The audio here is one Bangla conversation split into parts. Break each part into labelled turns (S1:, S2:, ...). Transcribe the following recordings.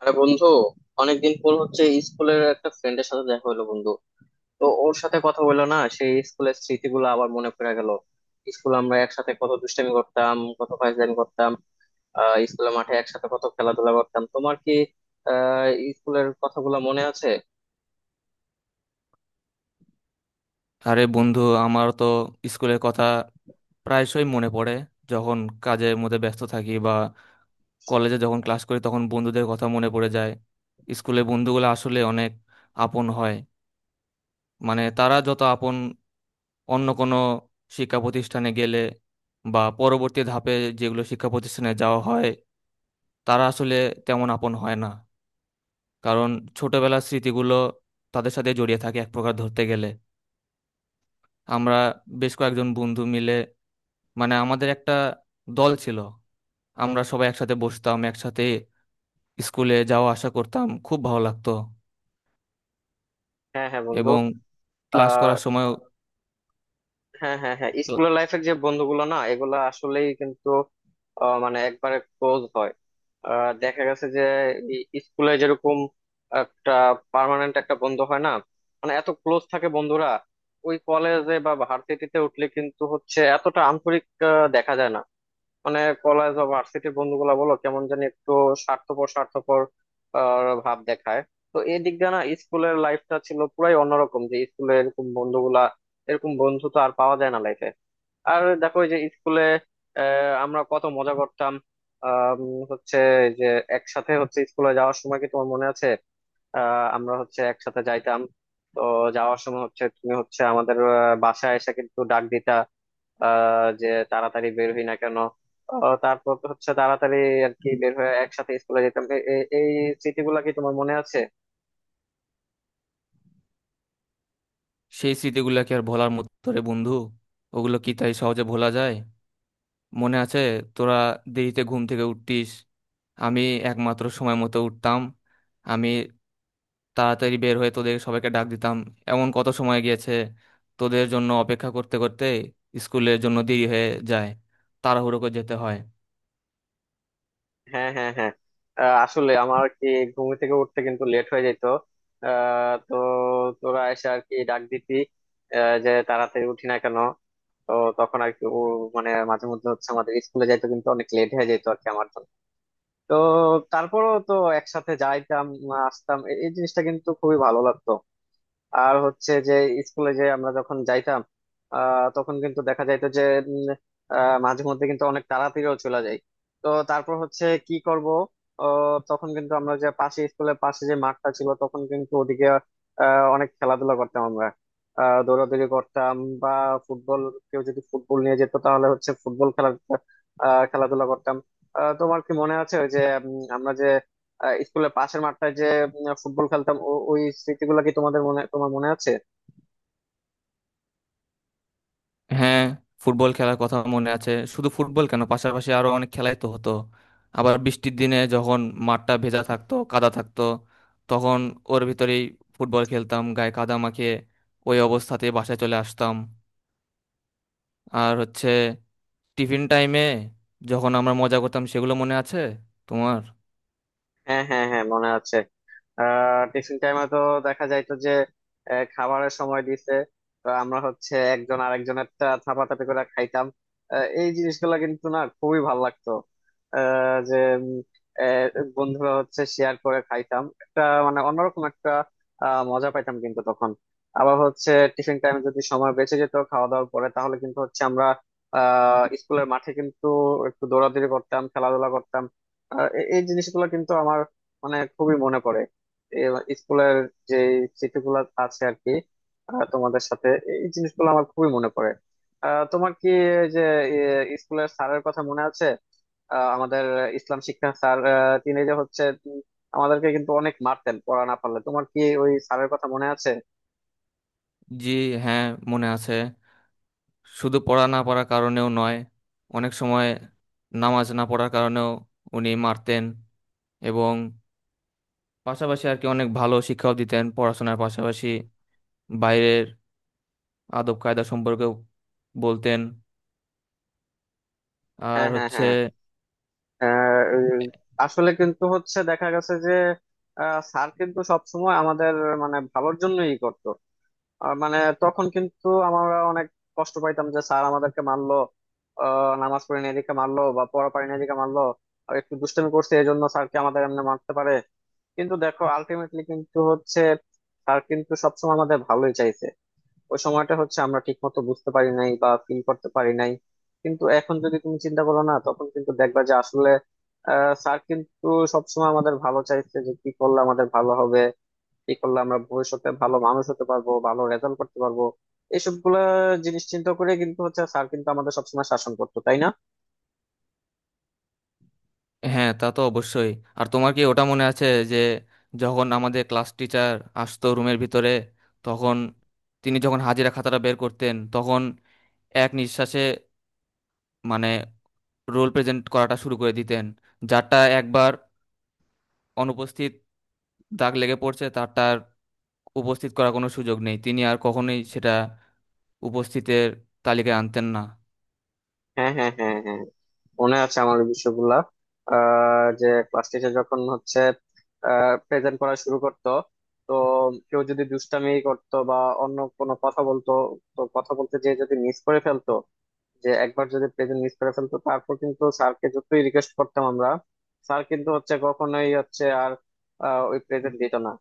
S1: আরে বন্ধু, অনেকদিন পর হচ্ছে স্কুলের একটা ফ্রেন্ডের সাথে দেখা হলো বন্ধু। তো ওর সাথে কথা হলো না, সেই স্কুলের স্মৃতিগুলো আবার মনে পড়ে গেল। স্কুল আমরা একসাথে কত দুষ্টামি করতাম, কত ফাইজলামি করতাম। স্কুলের মাঠে একসাথে কত খেলাধুলা করতাম, তোমার কি আহ স্কুলের কথাগুলো মনে আছে?
S2: আরে বন্ধু, আমার তো স্কুলের কথা প্রায়শই মনে পড়ে। যখন কাজের মধ্যে ব্যস্ত থাকি বা কলেজে যখন ক্লাস করি তখন বন্ধুদের কথা মনে পড়ে যায়। স্কুলের বন্ধুগুলো আসলে অনেক আপন হয়। মানে তারা যত আপন, অন্য কোনো শিক্ষা প্রতিষ্ঠানে গেলে বা পরবর্তী ধাপে যেগুলো শিক্ষা প্রতিষ্ঠানে যাওয়া হয়, তারা আসলে তেমন আপন হয় না। কারণ ছোটবেলার স্মৃতিগুলো তাদের সাথে জড়িয়ে থাকে এক প্রকার ধরতে গেলে। আমরা বেশ কয়েকজন বন্ধু মিলে, মানে আমাদের একটা দল ছিল, আমরা সবাই একসাথে বসতাম, একসাথে স্কুলে যাওয়া আসা করতাম, খুব ভালো লাগতো
S1: হ্যাঁ হ্যাঁ বন্ধু।
S2: এবং ক্লাস
S1: আহ
S2: করার সময়।
S1: হ্যাঁ হ্যাঁ হ্যাঁ, স্কুলের লাইফের যে বন্ধুগুলো না, এগুলা আসলেই কিন্তু মানে একবারে ক্লোজ হয়। দেখা গেছে যে স্কুলে যেরকম একটা পার্মানেন্ট একটা বন্ধু হয় না, মানে এত ক্লোজ থাকে বন্ধুরা, ওই কলেজে বা ভার্সিটিতে উঠলে কিন্তু হচ্ছে এতটা আন্তরিক দেখা যায় না। মানে কলেজ বা ভার্সিটির বন্ধুগুলা বলো কেমন জানি একটু স্বার্থপর স্বার্থপর ভাব দেখায়। তো এই দিক দিয়ে না স্কুলের লাইফটা ছিল পুরাই অন্যরকম, যে স্কুলে এরকম বন্ধুগুলা, এরকম বন্ধু তো আর পাওয়া যায় না লাইফে। আর দেখো, এই যে স্কুলে আমরা কত মজা করতাম। আম, হচ্ছে যে একসাথে হচ্ছে স্কুলে যাওয়ার সময় কি তোমার মনে আছে? আমরা হচ্ছে একসাথে যাইতাম। তো যাওয়ার সময় হচ্ছে তুমি হচ্ছে আমাদের বাসায় এসে কিন্তু ডাক দিতা, যে তাড়াতাড়ি বের হই না কেন। ও তারপর তো হচ্ছে তাড়াতাড়ি আর কি বের হয়ে একসাথে স্কুলে যেতাম। এই স্মৃতিগুলো কি তোমার মনে আছে?
S2: সেই স্মৃতিগুলো কি আর ভোলার মতো রে বন্ধু? ওগুলো কি তাই সহজে ভোলা যায়? মনে আছে তোরা দেরিতে ঘুম থেকে উঠতিস, আমি একমাত্র সময় মতো উঠতাম। আমি তাড়াতাড়ি বের হয়ে তোদের সবাইকে ডাক দিতাম। এমন কত সময় গিয়েছে তোদের জন্য অপেক্ষা করতে করতে স্কুলের জন্য দেরি হয়ে যায়, তাড়াহুড়ো করে যেতে হয়।
S1: হ্যাঁ হ্যাঁ হ্যাঁ। আসলে আমার কি ঘুম থেকে উঠতে কিন্তু লেট হয়ে যেত। তো তোরা এসে আর কি ডাক দিতি, যে তাড়াতাড়ি উঠি না কেন। তো তখন আর কি ও, মানে মাঝে মধ্যে হচ্ছে আমাদের স্কুলে যাইতো কিন্তু অনেক লেট হয়ে যেত আর কি আমার জন্য। তো তারপরও তো একসাথে যাইতাম আসতাম। এই জিনিসটা কিন্তু খুবই ভালো লাগতো। আর হচ্ছে যে স্কুলে যে আমরা যখন যাইতাম তখন কিন্তু দেখা যাইতো যে উম, মাঝে মধ্যে কিন্তু অনেক তাড়াতাড়িও চলে যাই। তো তারপর হচ্ছে কি করব, তখন কিন্তু আমরা যে পাশে স্কুলের পাশে যে মাঠটা ছিল তখন কিন্তু ওদিকে অনেক খেলাধুলা করতাম আমরা। দৌড়াদৌড়ি করতাম বা ফুটবল, কেউ যদি ফুটবল নিয়ে যেত তাহলে হচ্ছে ফুটবল খেলা, খেলাধুলা করতাম। তোমার কি মনে আছে ওই যে আমরা যে স্কুলের পাশের মাঠটায় যে ফুটবল খেলতাম, ওই স্মৃতিগুলো কি তোমাদের মনে তোমার মনে আছে?
S2: হ্যাঁ, ফুটবল খেলার কথা মনে আছে। শুধু ফুটবল কেন, পাশাপাশি আরো অনেক খেলাই তো হতো। আবার বৃষ্টির দিনে যখন মাঠটা ভেজা থাকতো, কাদা থাকতো, তখন ওর ভিতরেই ফুটবল খেলতাম গায়ে কাদা মাখিয়ে, ওই অবস্থাতে বাসায় চলে আসতাম। আর হচ্ছে টিফিন টাইমে যখন আমরা মজা করতাম, সেগুলো মনে আছে তোমার?
S1: হ্যাঁ হ্যাঁ হ্যাঁ মনে আছে। টিফিন টাইমে তো দেখা যাইতো যে খাবারের সময় দিছে। তো আমরা হচ্ছে একজন আরেকজনের টা থাপাথাপি করে খাইতাম। এই জিনিসগুলো কিন্তু না খুবই ভাল লাগতো, যে উম, আহ, বন্ধুরা হচ্ছে শেয়ার করে খাইতাম একটা, মানে অন্যরকম একটা মজা পাইতাম কিন্তু তখন। আবার হচ্ছে টিফিন টাইমে যদি সময় বেঁচে যেত খাওয়া দাওয়ার পরে তাহলে কিন্তু হচ্ছে আমরা স্কুলের মাঠে কিন্তু একটু দৌড়াদৌড়ি করতাম, খেলাধুলা করতাম। এই জিনিসগুলো কিন্তু আমার মানে খুবই মনে পড়ে। এ- স্কুলের যে স্মৃতিগুলো আছে আর কি তোমাদের সাথে, এই জিনিসগুলো আমার খুবই মনে পড়ে। তোমার কি এই যে স্কুলের স্যারের কথা মনে আছে? আমাদের ইসলাম শিক্ষা স্যার তিনি যে হচ্ছে আমাদেরকে কিন্তু অনেক মারতেন পড়া না পারলে, তোমার কি ওই স্যারের কথা মনে আছে?
S2: জি, হ্যাঁ, মনে আছে। শুধু পড়া না পড়ার কারণেও নয়, অনেক সময় নামাজ না পড়ার কারণেও উনি মারতেন। এবং পাশাপাশি আর কি অনেক ভালো শিক্ষাও দিতেন পড়াশোনার পাশাপাশি, বাইরের আদব কায়দা সম্পর্কেও বলতেন। আর
S1: হ্যাঁ হ্যাঁ
S2: হচ্ছে
S1: হ্যাঁ। আহ, উম, আসলে কিন্তু হচ্ছে দেখা গেছে যে স্যার কিন্তু সবসময় আমাদের মানে ভালোর জন্যই করতো। আর মানে তখন কিন্তু আমরা অনেক কষ্ট পাইতাম যে স্যার আমাদেরকে মারলো, নামাজ পড়ি না এদিকে মারলো, বা পড়া পারি না এদিকে মারলো, আর একটু দুষ্টামি করছে এই জন্য স্যারকে আমাদের এমনি মারতে পারে। কিন্তু দেখো আলটিমেটলি কিন্তু হচ্ছে স্যার কিন্তু সবসময় আমাদের ভালোই চাইছে। ওই সময়টা হচ্ছে আমরা ঠিক মতো বুঝতে পারি নাই বা ফিল করতে পারি নাই, কিন্তু এখন যদি তুমি চিন্তা করো না তখন কিন্তু দেখবা যে আসলে স্যার কিন্তু সবসময় আমাদের ভালো চাইছে, যে কি করলে আমাদের ভালো হবে, কি করলে আমরা ভবিষ্যতে ভালো মানুষ হতে পারবো, ভালো রেজাল্ট করতে পারবো, এইসব গুলা জিনিস চিন্তা করে কিন্তু হচ্ছে স্যার কিন্তু আমাদের সবসময় শাসন করতো তাই না?
S2: হ্যাঁ, তা তো অবশ্যই। আর তোমার কি ওটা মনে আছে, যে যখন আমাদের ক্লাস টিচার আসতো রুমের ভিতরে, তখন তিনি যখন হাজিরা খাতাটা বের করতেন তখন এক নিঃশ্বাসে, মানে, রোল প্রেজেন্ট করাটা শুরু করে দিতেন। যারটা একবার অনুপস্থিত দাগ লেগে পড়ছে, তারটার উপস্থিত করার কোনো সুযোগ নেই, তিনি আর কখনোই সেটা উপস্থিতের তালিকায় আনতেন না।
S1: হ্যাঁ হ্যাঁ হ্যাঁ হ্যাঁ মনে আছে আমার ওই বিষয়গুলা। যে ক্লাস টিচার যখন হচ্ছে প্রেজেন্ট করা শুরু করতো, তো কেউ যদি দুষ্টামি করতো বা অন্য কোনো কথা বলতো, তো কথা বলতে যে যদি মিস করে ফেলতো, যে একবার যদি প্রেজেন্ট মিস করে ফেলতো তারপর কিন্তু স্যারকে যতই রিকোয়েস্ট করতাম আমরা, স্যার কিন্তু হচ্ছে কখনোই হচ্ছে আর ওই প্রেজেন্ট দিত না।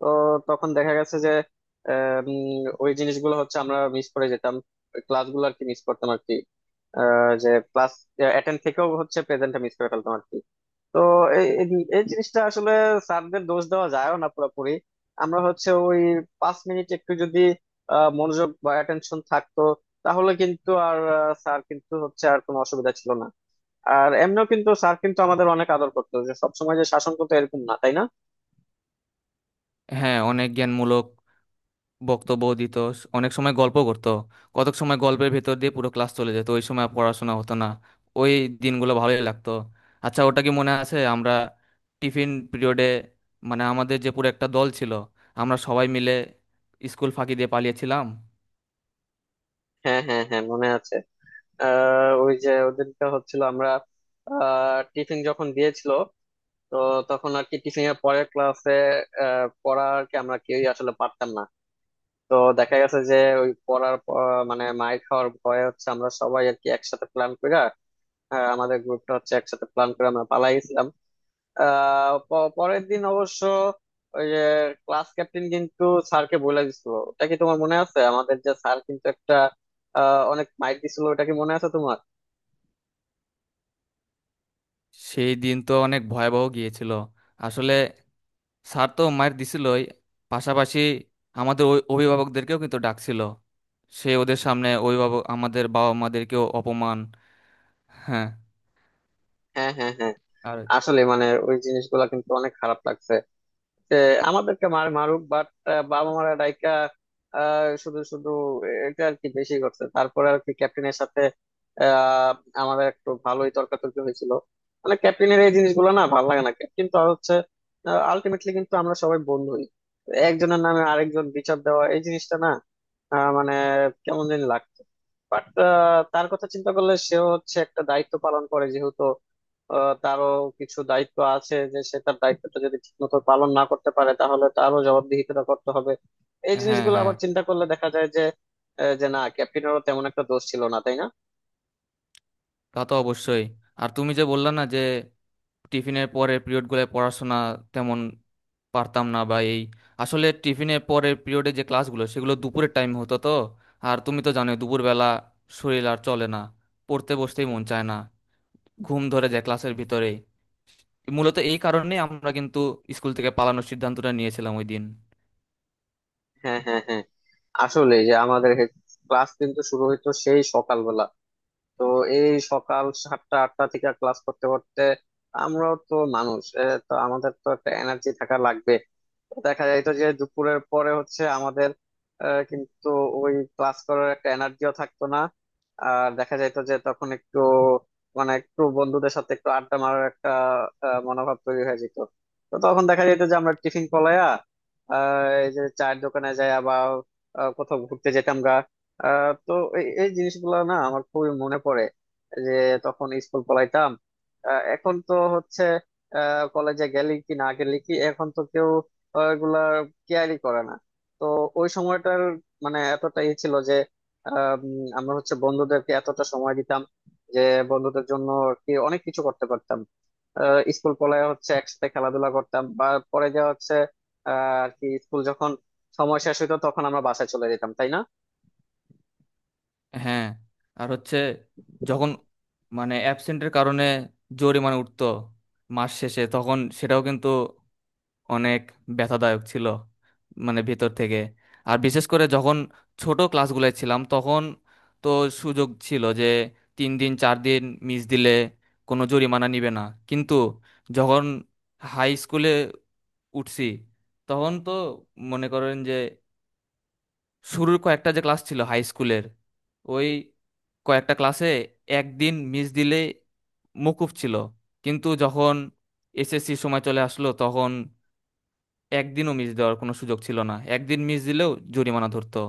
S1: তো তখন দেখা গেছে যে ওই জিনিসগুলো হচ্ছে আমরা মিস করে যেতাম, ওই ক্লাসগুলো আর কি মিস করতাম আর কি, যে ক্লাস অ্যাটেন্ড থেকেও হচ্ছে প্রেজেন্টটা মিস করে ফেলতাম আর কি। তো এই এই এই জিনিসটা আসলে স্যারদের দোষ দেওয়া যায়ও না পুরোপুরি। আমরা হচ্ছে ওই 5 মিনিট একটু যদি মনোযোগ বা অ্যাটেনশন থাকতো তাহলে কিন্তু আর স্যার কিন্তু হচ্ছে আর কোনো অসুবিধা ছিল না। আর এমনিও কিন্তু স্যার কিন্তু আমাদের অনেক আদর করতো, যে সবসময় যে শাসন করতো এরকম না তাই না?
S2: হ্যাঁ, অনেক জ্ঞানমূলক বক্তব্য দিত, অনেক সময় গল্প করতো। কতক সময় গল্পের ভেতর দিয়ে পুরো ক্লাস চলে যেত, ওই সময় আর পড়াশোনা হতো না। ওই দিনগুলো ভালোই লাগতো। আচ্ছা, ওটা কি মনে আছে আমরা টিফিন পিরিয়ডে, মানে আমাদের যে পুরো একটা দল ছিল, আমরা সবাই মিলে স্কুল ফাঁকি দিয়ে পালিয়েছিলাম?
S1: হ্যাঁ হ্যাঁ হ্যাঁ মনে আছে। ওই যে ওদেরকে হচ্ছিল আমরা টিফিন যখন দিয়েছিল, তো তখন আর কি টিফিন এর পরের ক্লাসে পড়া আর কি আমরা কেউই আসলে পারতাম না। তো দেখা গেছে যে ওই পড়ার মানে মাইর খাওয়ার ভয়ে হচ্ছে আমরা সবাই আর কি একসাথে প্ল্যান করে, আমাদের গ্রুপটা হচ্ছে একসাথে প্ল্যান করে আমরা পালাই গেছিলাম। পরের দিন অবশ্য ওই যে ক্লাস ক্যাপ্টেন কিন্তু স্যারকে বলে দিছিল, ওটা কি তোমার মনে আছে, আমাদের যে স্যার কিন্তু একটা অনেক মাইর দিছিল, ওটা কি মনে আছে তোমার?
S2: সেই দিন তো অনেক ভয়াবহ গিয়েছিল। আসলে স্যার তো মায়ের দিছিলই, পাশাপাশি আমাদের ওই অভিভাবকদেরকেও কিন্তু ডাকছিল। সে ওদের সামনে অভিভাবক আমাদের বাবা মাদেরকেও অপমান। হ্যাঁ,
S1: হ্যাঁ হ্যাঁ হ্যাঁ।
S2: আর
S1: আসলে মানে ওই জিনিসগুলো কিন্তু অনেক খারাপ লাগছে যে আমাদেরকে মার মারুক বাট বাবা মারা ডাইকা শুধু শুধু এটা আর কি বেশি করছে। তারপরে আর কি ক্যাপ্টেনের সাথে আহ, আমাদের একটু ভালোই তর্কাতর্কি হয়েছিল। মানে ক্যাপ্টেনের এই জিনিসগুলো না ভালো লাগে না, ক্যাপ্টেন তো হচ্ছে আলটিমেটলি কিন্তু আমরা সবাই বন্ধুই, একজনের নামে আরেকজন বিচার দেওয়া এই জিনিসটা না মানে কেমন জানি লাগতো। বাট তার কথা চিন্তা করলে সেও হচ্ছে একটা দায়িত্ব পালন করে যেহেতু, তারও কিছু দায়িত্ব আছে যে সে তার দায়িত্বটা যদি ঠিক মতো পালন না করতে পারে তাহলে তারও জবাবদিহিতা করতে হবে। এই
S2: হ্যাঁ,
S1: জিনিসগুলো
S2: হ্যাঁ,
S1: আবার চিন্তা করলে দেখা যায় যে যে না ক্যাপ্টেনেরও তেমন একটা দোষ ছিল না তাই না?
S2: তা তো অবশ্যই। আর তুমি যে বললা না যে টিফিনের পরে পিরিয়ডগুলোয় পড়াশোনা তেমন পারতাম না বা এই, আসলে টিফিনের পরের পিরিয়ডে যে ক্লাসগুলো সেগুলো দুপুরের টাইম হতো তো। আর তুমি তো জানোই দুপুরবেলা শরীর আর চলে না, পড়তে বসতেই মন চায় না, ঘুম ধরে যায় ক্লাসের ভিতরে। মূলত এই কারণে আমরা কিন্তু স্কুল থেকে পালানোর সিদ্ধান্তটা নিয়েছিলাম ওই দিন।
S1: হ্যাঁ হ্যাঁ হ্যাঁ। আসলে যে আমাদের ক্লাস কিন্তু শুরু হইতো সেই সকালবেলা, তো এই সকাল 7টা 8টা থেকে ক্লাস করতে করতে আমরাও তো মানুষ, তো আমাদের তো একটা এনার্জি থাকা লাগবে। দেখা যাইতো যে দুপুরের পরে হচ্ছে আমাদের কিন্তু ওই ক্লাস করার একটা এনার্জিও থাকতো না। আর দেখা যাইতো যে তখন একটু মানে একটু বন্ধুদের সাথে একটু আড্ডা মারার একটা মনোভাব তৈরি হয়ে যেত। তো তখন দেখা যেত যে আমরা টিফিন পলায়া আহ, এই যে চায়ের দোকানে যাই বা কোথাও ঘুরতে যেতাম গা। তো এই এই জিনিসগুলো না আমার খুবই মনে পড়ে যে তখন স্কুল পলাইতাম। এখন তো হচ্ছে কলেজে গেলি কি না গেলি কি এখন তো কেউ এগুলা কেয়ারই করে না। তো ওই সময়টার মানে এতটা ই ছিল যে আম, আমরা হচ্ছে বন্ধুদেরকে এতটা সময় দিতাম যে বন্ধুদের জন্য আর কি অনেক কিছু করতে পারতাম। স্কুল কলেজে হচ্ছে একসাথে খেলাধুলা করতাম বা পরে যা হচ্ছে আহ, আর কি স্কুল যখন সময় শেষ হইতো তখন আমরা বাসায় চলে যেতাম তাই না?
S2: হ্যাঁ, আর হচ্ছে যখন, মানে অ্যাবসেন্টের কারণে জরিমানা উঠতো মাস শেষে, তখন সেটাও কিন্তু অনেক ব্যথাদায়ক ছিল মানে ভেতর থেকে। আর বিশেষ করে যখন ছোট ক্লাসগুলোয় ছিলাম তখন তো সুযোগ ছিল যে 3 দিন 4 দিন মিস দিলে কোনো জরিমানা নিবে না। কিন্তু যখন হাই স্কুলে উঠছি তখন তো মনে করেন যে শুরুর কয়েকটা যে ক্লাস ছিল হাই স্কুলের, ওই কয়েকটা ক্লাসে একদিন মিস দিলে মকুব ছিল। কিন্তু যখন এসএসসি সময় চলে আসলো তখন একদিনও মিস দেওয়ার কোনো সুযোগ ছিল না, একদিন মিস দিলেও জরিমানা ধরতো।